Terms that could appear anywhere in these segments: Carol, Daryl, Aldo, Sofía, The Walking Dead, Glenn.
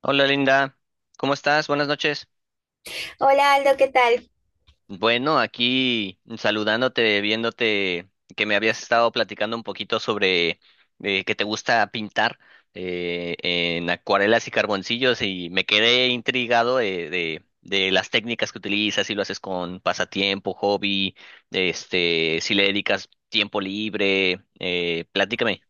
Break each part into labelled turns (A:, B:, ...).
A: Hola Linda, ¿cómo estás? Buenas noches.
B: Hola Aldo, ¿qué tal?
A: Bueno, aquí saludándote, viéndote que me habías estado platicando un poquito sobre que te gusta pintar en acuarelas y carboncillos y me quedé intrigado de las técnicas que utilizas, si lo haces con pasatiempo, hobby, este, si le dedicas tiempo libre, platícame.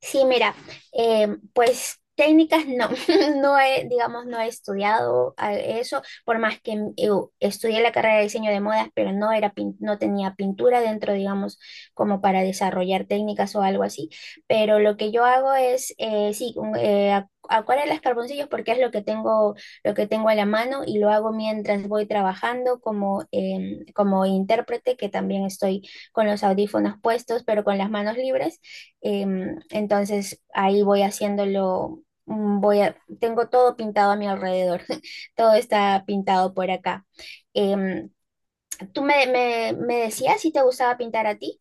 B: Sí, mira, eh, pues técnicas no, no he, digamos, no he estudiado eso, por más que estudié la carrera de diseño de modas, pero no era, no tenía pintura dentro, digamos, como para desarrollar técnicas o algo así, pero lo que yo hago es, sí, acuarelas, carboncillos, porque es lo que tengo a la mano y lo hago mientras voy trabajando como, como intérprete, que también estoy con los audífonos puestos, pero con las manos libres. Entonces ahí voy haciéndolo, voy a, tengo todo pintado a mi alrededor, todo está pintado por acá. Em, tú me decías si te gustaba pintar a ti.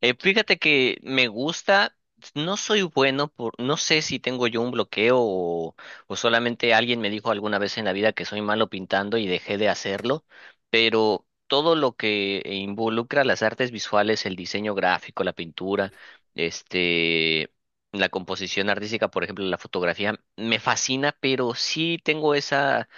A: Fíjate que me gusta, no soy bueno por, no sé si tengo yo un bloqueo o solamente alguien me dijo alguna vez en la vida que soy malo pintando y dejé de hacerlo, pero todo lo que involucra las artes visuales, el diseño gráfico, la pintura, este, la composición artística, por ejemplo, la fotografía, me fascina, pero sí tengo esa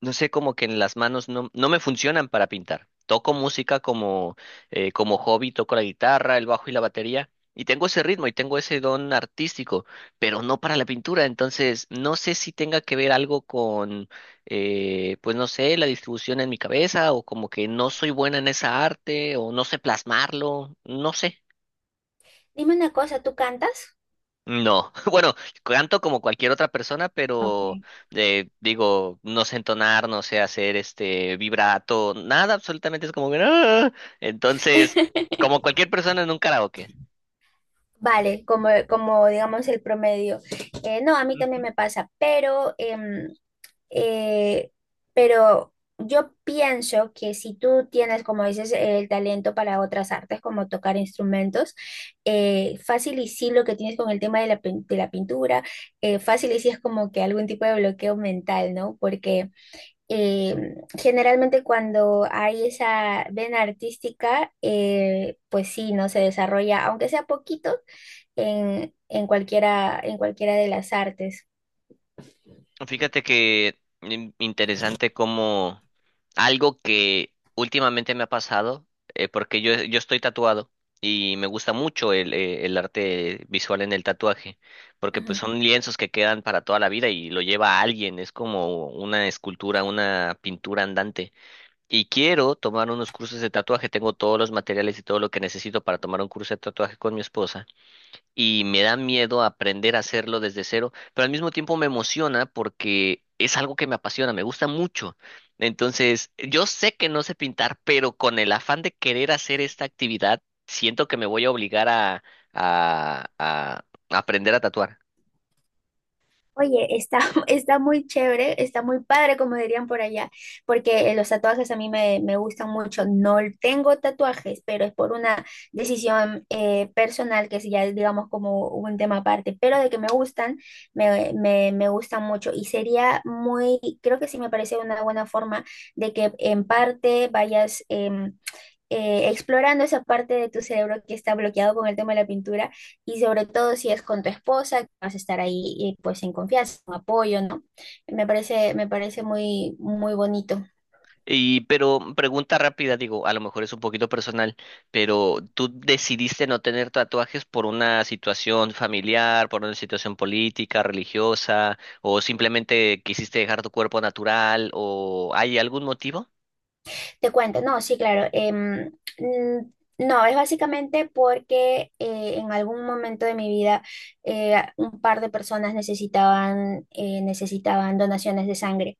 A: no sé, como que en las manos no, no me funcionan para pintar. Toco música como, como hobby, toco la guitarra, el bajo y la batería, y tengo ese ritmo y tengo ese don artístico, pero no para la pintura. Entonces, no sé si tenga que ver algo con, pues no sé, la distribución en mi cabeza, o como que no soy buena en esa arte, o no sé plasmarlo, no sé.
B: Dime una cosa, ¿tú cantas?
A: No, bueno, canto como cualquier otra persona, pero
B: Okay.
A: digo, no sé entonar, no sé hacer este vibrato, nada, absolutamente es como que "Ah". Entonces, como cualquier persona en un karaoke.
B: Vale, como, como digamos el promedio. No, a mí también me pasa, pero Eh, pero yo pienso que si tú tienes, como dices, el talento para otras artes, como tocar instrumentos, fácil y sí lo que tienes con el tema de la, de la pintura, fácil y sí es como que algún tipo de bloqueo mental, ¿no? Porque generalmente cuando hay esa vena artística, pues sí, ¿no? Se desarrolla, aunque sea poquito, en cualquiera de las artes.
A: Fíjate que interesante como algo que últimamente me ha pasado, porque yo estoy tatuado y me gusta mucho el arte visual en el tatuaje, porque pues son lienzos que quedan para toda la vida y lo lleva alguien, es como una escultura, una pintura andante. Y quiero tomar unos cursos de tatuaje, tengo todos los materiales y todo lo que necesito para tomar un curso de tatuaje con mi esposa y me da miedo aprender a hacerlo desde cero, pero al mismo tiempo me emociona porque es algo que me apasiona, me gusta mucho. Entonces, yo sé que no sé pintar, pero con el afán de querer hacer esta actividad, siento que me voy a obligar a aprender a tatuar.
B: Oye, está, está muy chévere, está muy padre, como dirían por allá, porque los tatuajes a mí me, me gustan mucho. No tengo tatuajes, pero es por una decisión personal, que es ya, digamos, como un tema aparte, pero de que me gustan, me gustan mucho. Y sería muy, creo que sí me parece una buena forma de que en parte vayas explorando esa parte de tu cerebro que está bloqueado con el tema de la pintura y sobre todo si es con tu esposa, que vas a estar ahí pues en confianza, con apoyo, ¿no? Me parece muy, muy bonito.
A: Y, pero pregunta rápida, digo, a lo mejor es un poquito personal, pero ¿tú decidiste no tener tatuajes por una situación familiar, por una situación política, religiosa, o simplemente quisiste dejar tu cuerpo natural, o hay algún motivo?
B: Te cuento, no, sí, claro. Mm, no, es básicamente porque en algún momento de mi vida un par de personas necesitaban, necesitaban donaciones de sangre.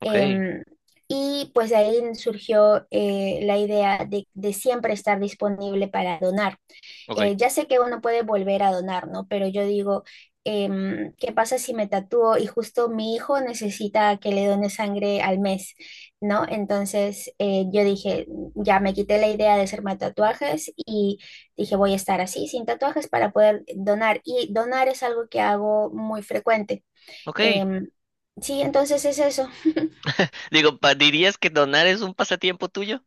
A: Ok,
B: Em, y pues de ahí surgió la idea de siempre estar disponible para donar.
A: ok,
B: Ya sé que uno puede volver a donar, ¿no? Pero yo digo, ¿qué pasa si me tatúo y justo mi hijo necesita que le done sangre al mes, ¿no? Entonces yo dije, ya me quité la idea de hacerme tatuajes y dije, voy a estar así, sin tatuajes, para poder donar. Y donar es algo que hago muy frecuente.
A: ok.
B: Em, sí, entonces es eso.
A: Digo, ¿dirías que donar es un pasatiempo tuyo?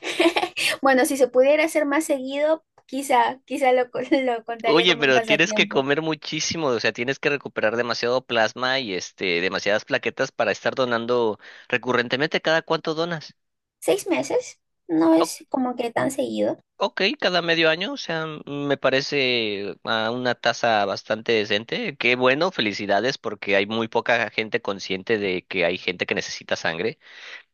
B: Bueno, si se pudiera hacer más seguido, quizá, lo contaría
A: Oye,
B: como un
A: pero tienes que
B: pasatiempo.
A: comer muchísimo, o sea, tienes que recuperar demasiado plasma y este, demasiadas plaquetas para estar donando recurrentemente. ¿Cada cuánto donas?
B: Seis meses no es como que tan seguido.
A: Ok, cada medio año, o sea, me parece a una tasa bastante decente. Qué bueno, felicidades, porque hay muy poca gente consciente de que hay gente que necesita sangre.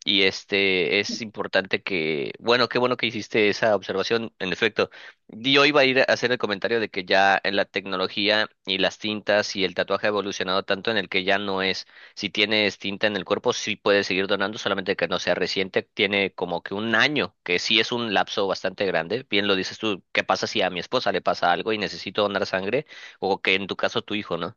A: Y este es importante que, bueno, qué bueno que hiciste esa observación, en efecto. Yo iba a ir a hacer el comentario de que ya en la tecnología y las tintas y el tatuaje ha evolucionado tanto en el que ya no es, si tienes tinta en el cuerpo, sí puedes seguir donando, solamente que no sea reciente, tiene como que un año, que sí es un lapso bastante grande. Bien lo dices tú, ¿qué pasa si a mi esposa le pasa algo y necesito donar sangre? O que en tu caso tu hijo, ¿no?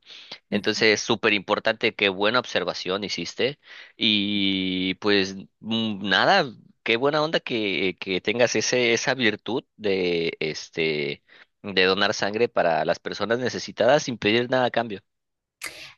A: Entonces, súper importante, qué buena observación hiciste. Y pues mm, nada, qué buena onda que tengas ese, esa virtud de este de donar sangre para las personas necesitadas sin pedir nada a cambio.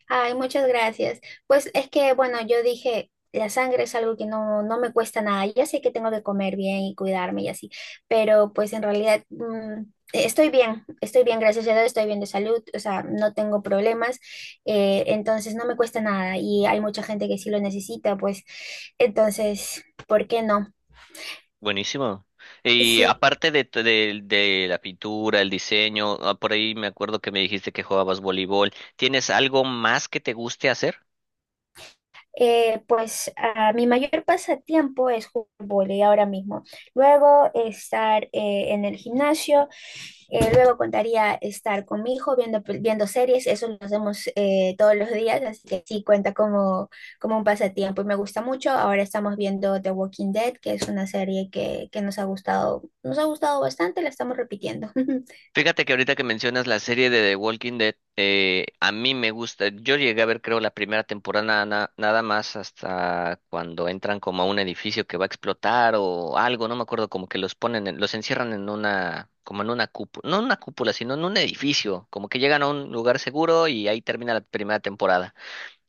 B: Ay, muchas gracias. Pues es que, bueno, yo dije, la sangre es algo que no, no me cuesta nada. Ya sé que tengo que comer bien y cuidarme y así, pero pues en realidad estoy bien, gracias a Dios, estoy bien de salud, o sea, no tengo problemas, entonces no me cuesta nada y hay mucha gente que sí lo necesita, pues entonces, ¿por qué no?
A: Buenísimo. Y
B: Sí.
A: aparte de la pintura, el diseño, ah, por ahí me acuerdo que me dijiste que jugabas voleibol. ¿Tienes algo más que te guste hacer?
B: Pues ah, mi mayor pasatiempo es jugar vóley ahora mismo. Luego estar en el gimnasio, luego contaría estar con mi hijo viendo, viendo series, eso lo hacemos todos los días, así que sí cuenta como, como un pasatiempo y me gusta mucho. Ahora estamos viendo The Walking Dead, que es una serie que nos ha gustado bastante, la estamos repitiendo.
A: Fíjate que ahorita que mencionas la serie de The Walking Dead, a mí me gusta. Yo llegué a ver, creo, la primera temporada nada más hasta cuando entran como a un edificio que va a explotar o algo, no me acuerdo, como que los ponen, los encierran en una, como en una cúpula, no en una cúpula, sino en un edificio, como que llegan a un lugar seguro y ahí termina la primera temporada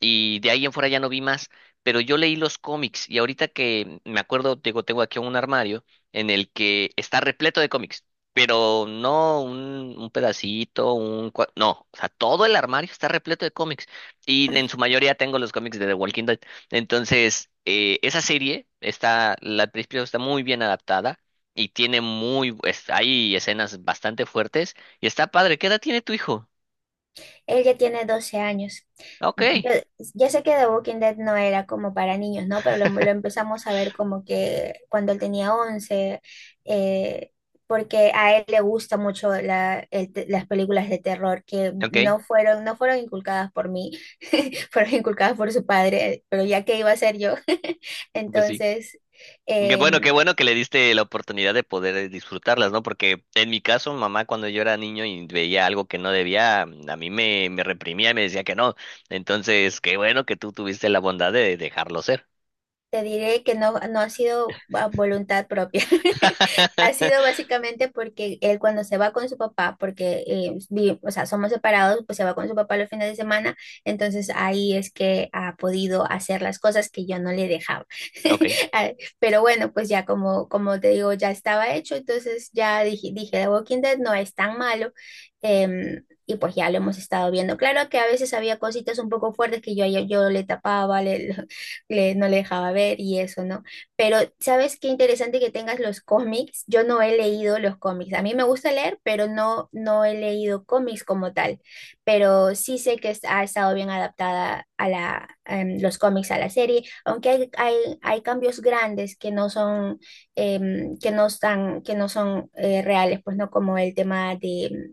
A: y de ahí en fuera ya no vi más, pero yo leí los cómics y ahorita que me acuerdo, digo, tengo aquí un armario en el que está repleto de cómics, pero no un, un pedacito, un... cua- No, o sea, todo el armario está repleto de cómics y en su mayoría tengo los cómics de The Walking Dead. Entonces, esa serie está, la al principio está muy bien adaptada. Y tiene muy, hay escenas bastante fuertes. Y está padre. ¿Qué edad tiene tu hijo?
B: Él ya tiene 12 años.
A: Ok.
B: Yo, ya sé que The Walking Dead no era como para niños, ¿no? Pero lo empezamos a ver como que cuando él tenía 11, eh, porque a él le gusta mucho las películas de terror que
A: Ok.
B: no fueron, no fueron inculcadas por mí, fueron inculcadas por su padre, pero ya que iba a ser yo.
A: Pues sí.
B: Entonces... em,
A: Qué bueno que le diste la oportunidad de poder disfrutarlas, ¿no? Porque en mi caso, mamá cuando yo era niño y veía algo que no debía, a mí me, me reprimía y me decía que no. Entonces, qué bueno que tú tuviste la bondad de dejarlo ser.
B: Te diré que no, no ha sido a voluntad propia. Ha sido básicamente porque él cuando se va con su papá, porque o sea, somos separados, pues se va con su papá los fines de semana, entonces ahí es que ha podido hacer las cosas que yo no le dejaba.
A: Ok,
B: Ah, pero bueno, pues ya como, como te digo, ya estaba hecho, entonces ya dije, dije, The Walking Dead no es tan malo. em, y pues ya lo hemos estado viendo. Claro que a veces había cositas un poco fuertes que yo le tapaba, no le dejaba ver y eso, ¿no? Pero, ¿sabes qué interesante que tengas los cómics? Yo no he leído los cómics. A mí me gusta leer, pero no, no he leído cómics como tal. Pero sí sé que ha estado bien adaptada a la, los cómics a la serie, aunque hay cambios grandes que no son, que no están, que no son reales, pues no como el tema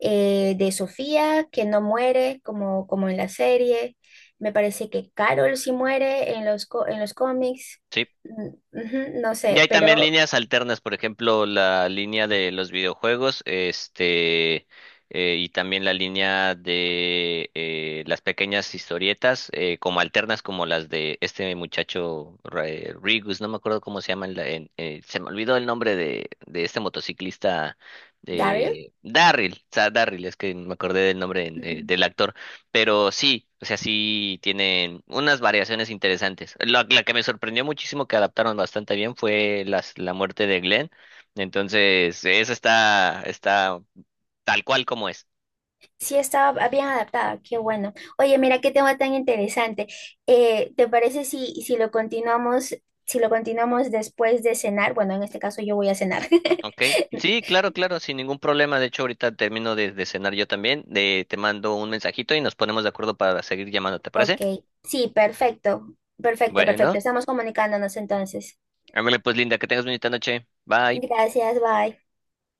B: de Sofía, que no muere como, como en la serie. Me parece que Carol sí muere en los, en los cómics.
A: sí.
B: Mm, no
A: Y
B: sé,
A: hay también
B: pero
A: líneas alternas, por ejemplo, la línea de los videojuegos, este, y también la línea de las pequeñas historietas, como alternas, como las de este muchacho Rigus, no me acuerdo cómo se llama, se me olvidó el nombre de este motociclista,
B: Daryl,
A: Darryl, es que me acordé del nombre
B: ujú,
A: del actor pero sí, o sea, sí tienen unas variaciones interesantes. La que me sorprendió muchísimo que adaptaron bastante bien fue las, la muerte de Glenn. Entonces, esa está, está tal cual como es.
B: sí estaba bien adaptada, qué bueno. Oye, mira qué tema tan interesante. ¿Te parece si, si lo continuamos, si lo continuamos después de cenar? Bueno, en este caso yo voy a cenar.
A: ¿Ok? Sí, claro, claro, sin ningún problema. De hecho, ahorita termino de cenar yo también. De, te mando un mensajito y nos ponemos de acuerdo para seguir llamando, ¿te
B: Ok,
A: parece?
B: sí, perfecto, perfecto,
A: Bueno,
B: perfecto. Estamos comunicándonos entonces.
A: ándale pues, Linda, que tengas bonita noche. Bye.
B: Gracias, bye.